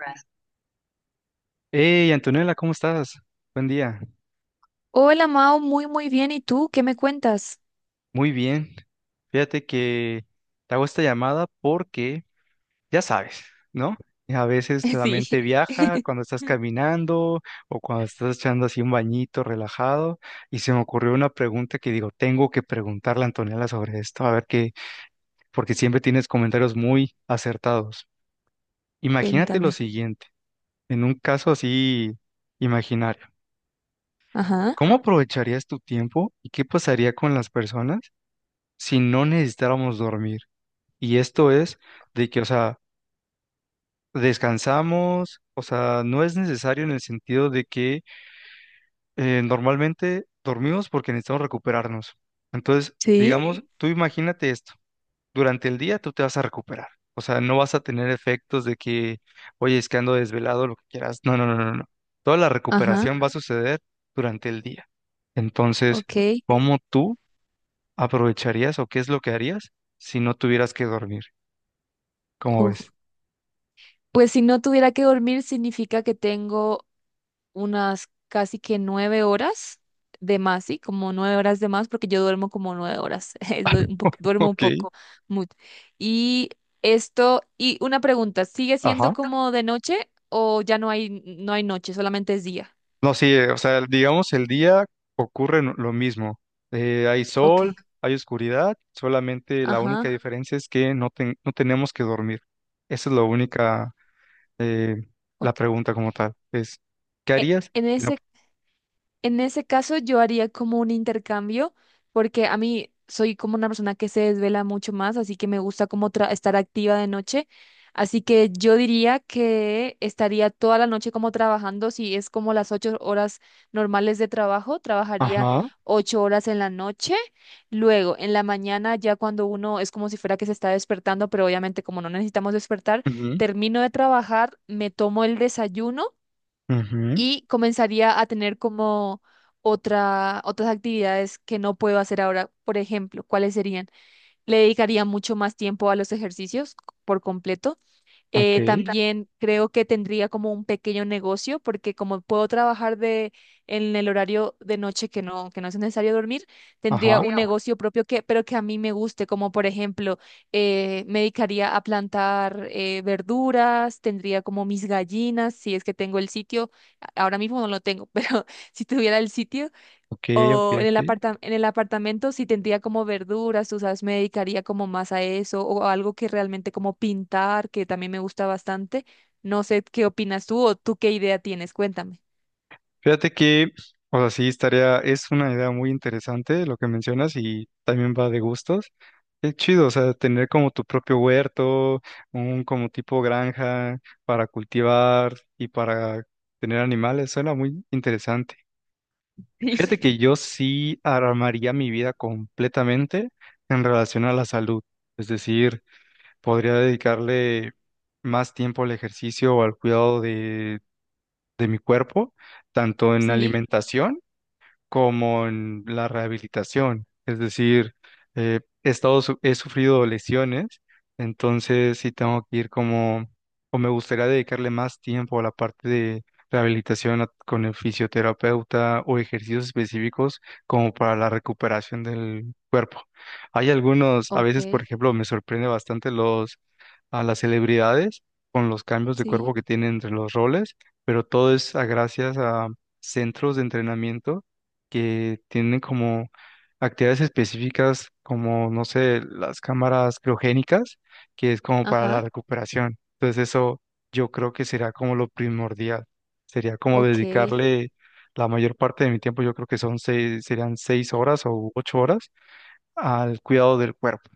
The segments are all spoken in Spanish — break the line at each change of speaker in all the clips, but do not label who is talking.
Right. Hey, Antonella, ¿cómo estás? Buen día.
Hola Mao, muy muy bien. ¿Y tú qué me cuentas?
Muy bien. Fíjate que te hago esta llamada porque, ya sabes, ¿no? A veces la
Sí.
mente viaja cuando estás caminando o cuando estás echando así un bañito relajado y se me ocurrió una pregunta que digo, tengo que preguntarle a Antonella sobre esto, a ver qué, porque siempre tienes comentarios muy acertados. Imagínate lo
Cuéntame.
siguiente, en un caso así imaginario,
Ajá.
¿cómo aprovecharías tu tiempo y qué pasaría con las personas si no necesitáramos dormir? Y esto es de que, o sea, descansamos, o sea, no es necesario en el sentido de que normalmente dormimos porque necesitamos recuperarnos. Entonces,
Sí.
digamos, Ok, tú imagínate esto, durante el día tú te vas a recuperar. O sea, no vas a tener efectos de que, oye, es que ando desvelado, lo que quieras. No, no, no, no, no. Toda la
Ajá.
recuperación va a suceder durante el día. Entonces,
Ok.
¿cómo tú aprovecharías o qué es lo que harías si no tuvieras que dormir? ¿Cómo ves?
Uf. Pues si no tuviera que dormir, significa que tengo unas casi que 9 horas de más, ¿sí? Como 9 horas de más, porque yo duermo como 9 horas. Duermo un
Ok, único.
poco. mu- Y esto, y una pregunta, ¿sigue
Ajá.
siendo como de noche o ya no hay noche, solamente es día?
No, sí, o sea, digamos, el día ocurre lo mismo. Hay sol,
Ok.
hay oscuridad, solamente la única
Ajá.
diferencia es que no tenemos que dormir. Esa es la única, eh,
Ok.
la pregunta como tal. Es, ¿qué
e-
harías
En ese, en ese caso yo haría como un intercambio, porque a mí soy como una persona que se desvela mucho más, así que me gusta como estar activa de noche. Así que yo diría que estaría toda la noche como trabajando, si es como las 8 horas normales de trabajo, trabajaría
Ajá.
8 horas en la noche. Luego, en la mañana, ya cuando uno es como si fuera que se está despertando, pero obviamente como no necesitamos despertar,
Ujú,
termino de trabajar, me tomo el desayuno
ujú,
y comenzaría a tener como otras actividades que no puedo hacer ahora. Por ejemplo, ¿cuáles serían? Le dedicaría mucho más tiempo a los ejercicios por completo.
ok,
También creo que tendría como un pequeño negocio porque como puedo trabajar en el horario de noche que no es necesario dormir,
ajá.
tendría un negocio propio que, pero que a mí me guste, como por ejemplo, me dedicaría a plantar, verduras, tendría como mis gallinas, si es que tengo el sitio. Ahora mismo no lo tengo, pero si tuviera el sitio
Ok, ok,
o
ok.
en el apartamento sí tendría como verduras, tú sabes, me dedicaría como más a eso o algo que realmente como pintar, que también me gusta bastante. No sé qué opinas tú o tú qué idea tienes, cuéntame.
Fíjate que, o sea, sí, estaría, es una idea muy interesante lo que mencionas y también va de gustos. Es chido, o sea, tener como tu propio huerto, un como tipo granja para cultivar y para tener animales, suena muy interesante. Fíjate
Sí.
que yo sí armaría mi vida completamente en relación a la salud, es decir, podría dedicarle más tiempo al ejercicio o al cuidado de mi cuerpo, tanto en
Sí,
alimentación como en la rehabilitación. Es decir, he sufrido lesiones, entonces sí tengo que ir como, o me gustaría dedicarle más tiempo a la parte de rehabilitación con el fisioterapeuta o ejercicios específicos como para la recuperación del cuerpo. Hay algunos, a veces, por
ok,
ejemplo, me sorprende bastante a las celebridades con los cambios de
sí,
cuerpo que tienen entre los roles, pero todo es a gracias a centros de entrenamiento que tienen como actividades específicas como, no sé, las cámaras criogénicas, que es como para la
ajá,
recuperación. Entonces eso yo creo que será como lo primordial. Sería como
ok.
dedicarle la mayor parte de mi tiempo, yo creo que serían seis horas o ocho horas al cuidado del cuerpo.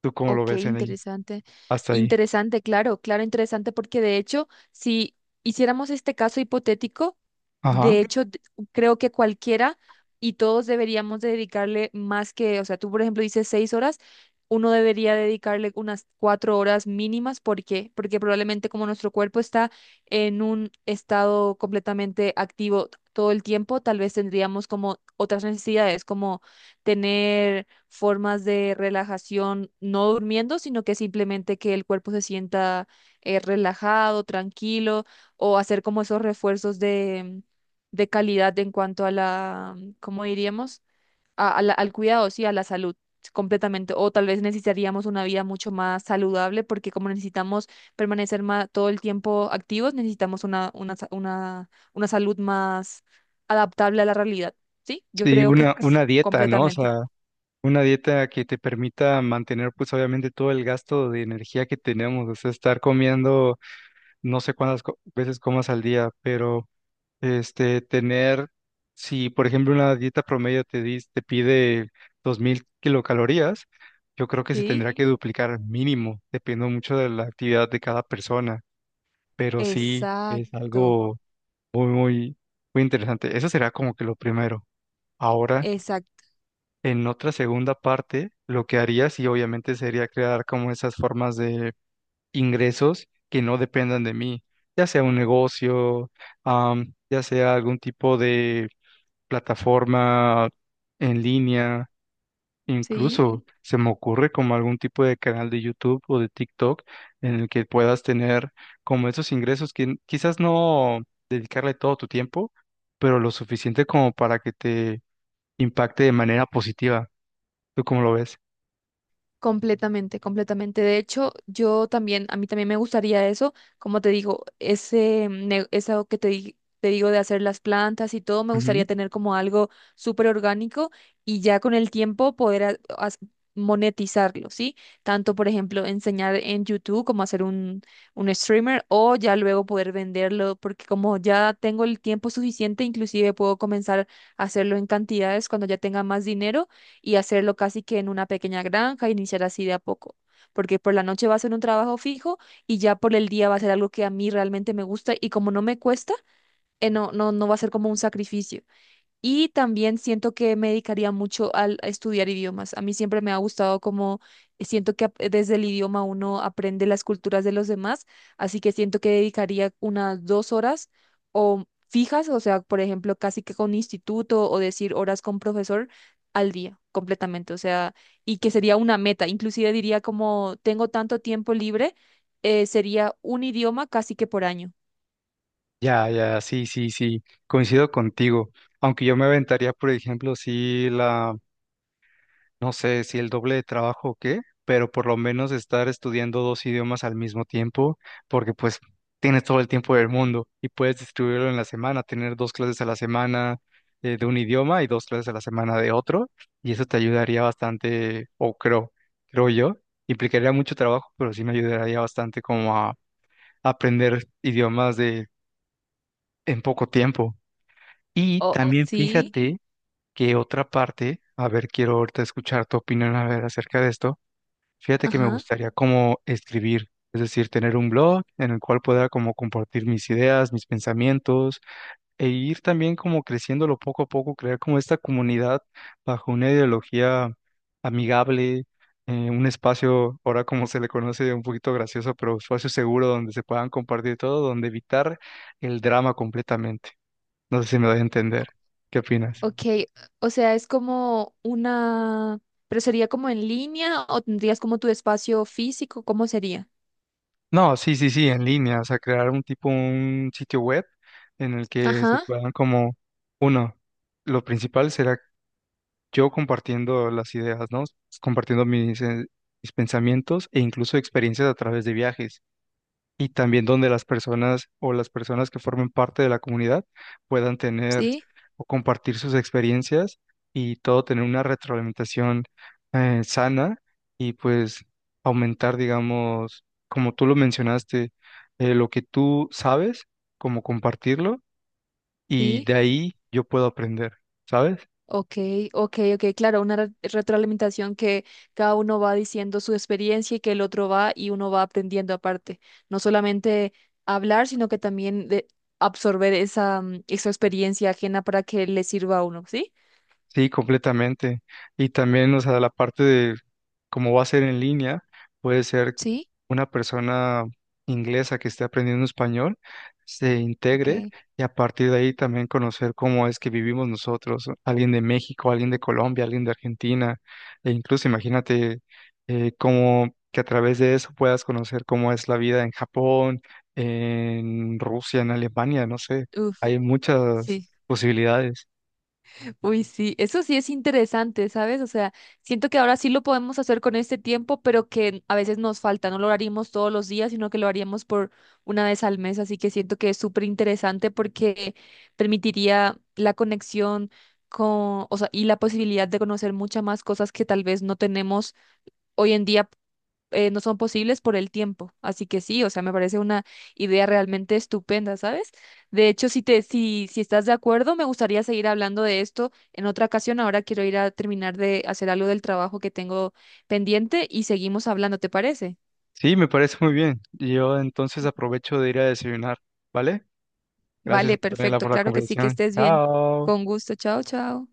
¿Tú cómo lo
Ok,
ves en ahí?
interesante.
Hasta ahí.
Interesante, claro, claro, interesante, porque de hecho, si hiciéramos este caso hipotético, de
Ajá.
hecho, creo que cualquiera y todos deberíamos de dedicarle más que, o sea, tú por ejemplo dices 6 horas, uno debería dedicarle unas 4 horas mínimas, ¿por qué? Porque probablemente como nuestro cuerpo está en un estado completamente activo todo el tiempo, tal vez tendríamos como otras necesidades, como tener formas de relajación, no durmiendo, sino que simplemente que el cuerpo se sienta, relajado, tranquilo, o hacer como esos refuerzos de calidad en cuanto a la, ¿cómo diríamos? Al cuidado, sí, a la salud. Completamente, o tal vez necesitaríamos una vida mucho más saludable porque como necesitamos permanecer todo el tiempo activos, necesitamos una salud más adaptable a la realidad, ¿sí? Yo
Sí,
creo que sí,
una dieta, ¿no? O
completamente.
sea, una dieta que te permita mantener, pues obviamente, todo el gasto de energía que tenemos, o sea, estar comiendo no sé veces comas al día, pero este tener, si por ejemplo una dieta promedio te pide 2000 kilocalorías, yo creo que se
Sí.
tendrá que duplicar mínimo, dependiendo mucho de la actividad de cada persona, pero sí es
Exacto,
algo muy, muy, muy interesante. Eso será como que lo primero. Ahora,
exacto,
en otra segunda parte, lo que haría sí obviamente sería crear como esas formas de ingresos que no dependan de mí, ya sea un negocio, ya sea algún tipo de plataforma en línea,
sí.
incluso se me ocurre como algún tipo de canal de YouTube o de TikTok en el que puedas tener como esos ingresos que quizás no dedicarle todo tu tiempo, pero lo suficiente como para que te impacte de manera positiva. ¿Tú cómo lo ves?
Completamente, completamente. De hecho, yo también, a mí también me gustaría eso, como te digo, eso que te digo de hacer las plantas y todo, me gustaría tener como algo súper orgánico y ya con el tiempo poder monetizarlo, ¿sí? Tanto, por ejemplo, enseñar en YouTube como hacer un streamer o ya luego poder venderlo, porque como ya tengo el tiempo suficiente, inclusive puedo comenzar a hacerlo en cantidades cuando ya tenga más dinero y hacerlo casi que en una pequeña granja, iniciar así de a poco, porque por la noche va a ser un trabajo fijo y ya por el día va a ser algo que a mí realmente me gusta y como no me cuesta. No, no, no va a ser como un sacrificio. Y también siento que me dedicaría mucho a estudiar idiomas. A mí siempre me ha gustado como, siento que desde el idioma uno aprende las culturas de los demás, así que siento que dedicaría unas 2 horas o fijas, o sea, por ejemplo, casi que con instituto o decir horas con profesor al día completamente, o sea, y que sería una meta. Inclusive diría como tengo tanto tiempo libre, sería un idioma casi que por año.
Ya, ya, sí, sí, sí, coincido contigo. Aunque yo me aventaría, por ejemplo, no sé, si el doble de trabajo o qué, pero por lo menos estar estudiando dos idiomas al mismo tiempo, porque pues tienes todo el tiempo del mundo y puedes distribuirlo en la semana, tener dos clases a la semana de un idioma y dos clases a la semana de otro, y eso te ayudaría bastante, creo yo, implicaría mucho trabajo, pero sí me ayudaría bastante como a aprender idiomas de en poco tiempo. Y ok,
O
también
sí,
fíjate que otra parte, a ver, quiero ahorita escuchar tu opinión a ver acerca de esto. Fíjate que me
ajá.
gustaría como escribir, es decir, tener un blog en el cual pueda como compartir mis ideas, mis pensamientos e ir también como creciéndolo poco a poco, crear como esta comunidad bajo una ideología amigable, un espacio, ahora como se le conoce, un poquito gracioso, pero espacio seguro donde se puedan compartir todo, donde evitar el drama completamente. No sé si me voy a entender. ¿Qué opinas?
Ok, o sea, es como una, pero sería como en línea o tendrías como tu espacio físico, ¿cómo sería?
No, sí, sí, sí, en línea, o sea, un sitio web en el que se
Ajá,
puedan como, no, lo principal será yo compartiendo las ideas, ¿no? Compartiendo mis pensamientos e incluso experiencias a través de viajes. Y también donde las personas que formen parte de la comunidad puedan tener
sí,
o compartir sus experiencias y todo tener una retroalimentación sana y pues aumentar, digamos, como tú lo mencionaste, lo que tú sabes, como compartirlo y
sí,
de ahí yo puedo aprender, ¿sabes?
ok, ok, ok, claro, una retroalimentación que cada uno va diciendo su experiencia y que el otro va y uno va aprendiendo aparte, no solamente hablar, sino que también de absorber esa experiencia ajena para que le sirva a uno, ¿sí?
Sí, completamente. Y también, o sea, la parte de cómo va a ser en línea, puede ser
Sí,
una persona inglesa que esté aprendiendo español, se
ok,
integre y a partir de ahí también conocer cómo es que vivimos nosotros, alguien de México, alguien de Colombia, alguien de Argentina, e incluso imagínate cómo que a través de eso puedas conocer cómo es la vida en Japón, en Rusia, en Alemania, no sé,
uf,
hay muchas
sí.
posibilidades.
Uy, sí, eso sí es interesante, ¿sabes? O sea, siento que ahora sí lo podemos hacer con este tiempo, pero que a veces nos falta, no lo haríamos todos los días, sino que lo haríamos por una vez al mes, así que siento que es súper interesante porque permitiría la conexión con, o sea, y la posibilidad de conocer muchas más cosas que tal vez no tenemos hoy en día. No son posibles por el tiempo. Así que sí, o sea, me parece una idea realmente estupenda, ¿sabes? De hecho, si te, si, si estás de acuerdo, me gustaría seguir hablando de esto en otra ocasión. Ahora quiero ir a terminar de hacer algo del trabajo que tengo pendiente y seguimos hablando, ¿te parece?
Sí, me parece muy bien. Yo entonces aprovecho de ir a desayunar, ¿vale? Gracias,
Vale,
Antonella,
perfecto,
por la
claro que sí, que
conversación.
estés bien.
Chao.
Con gusto, chao, chao.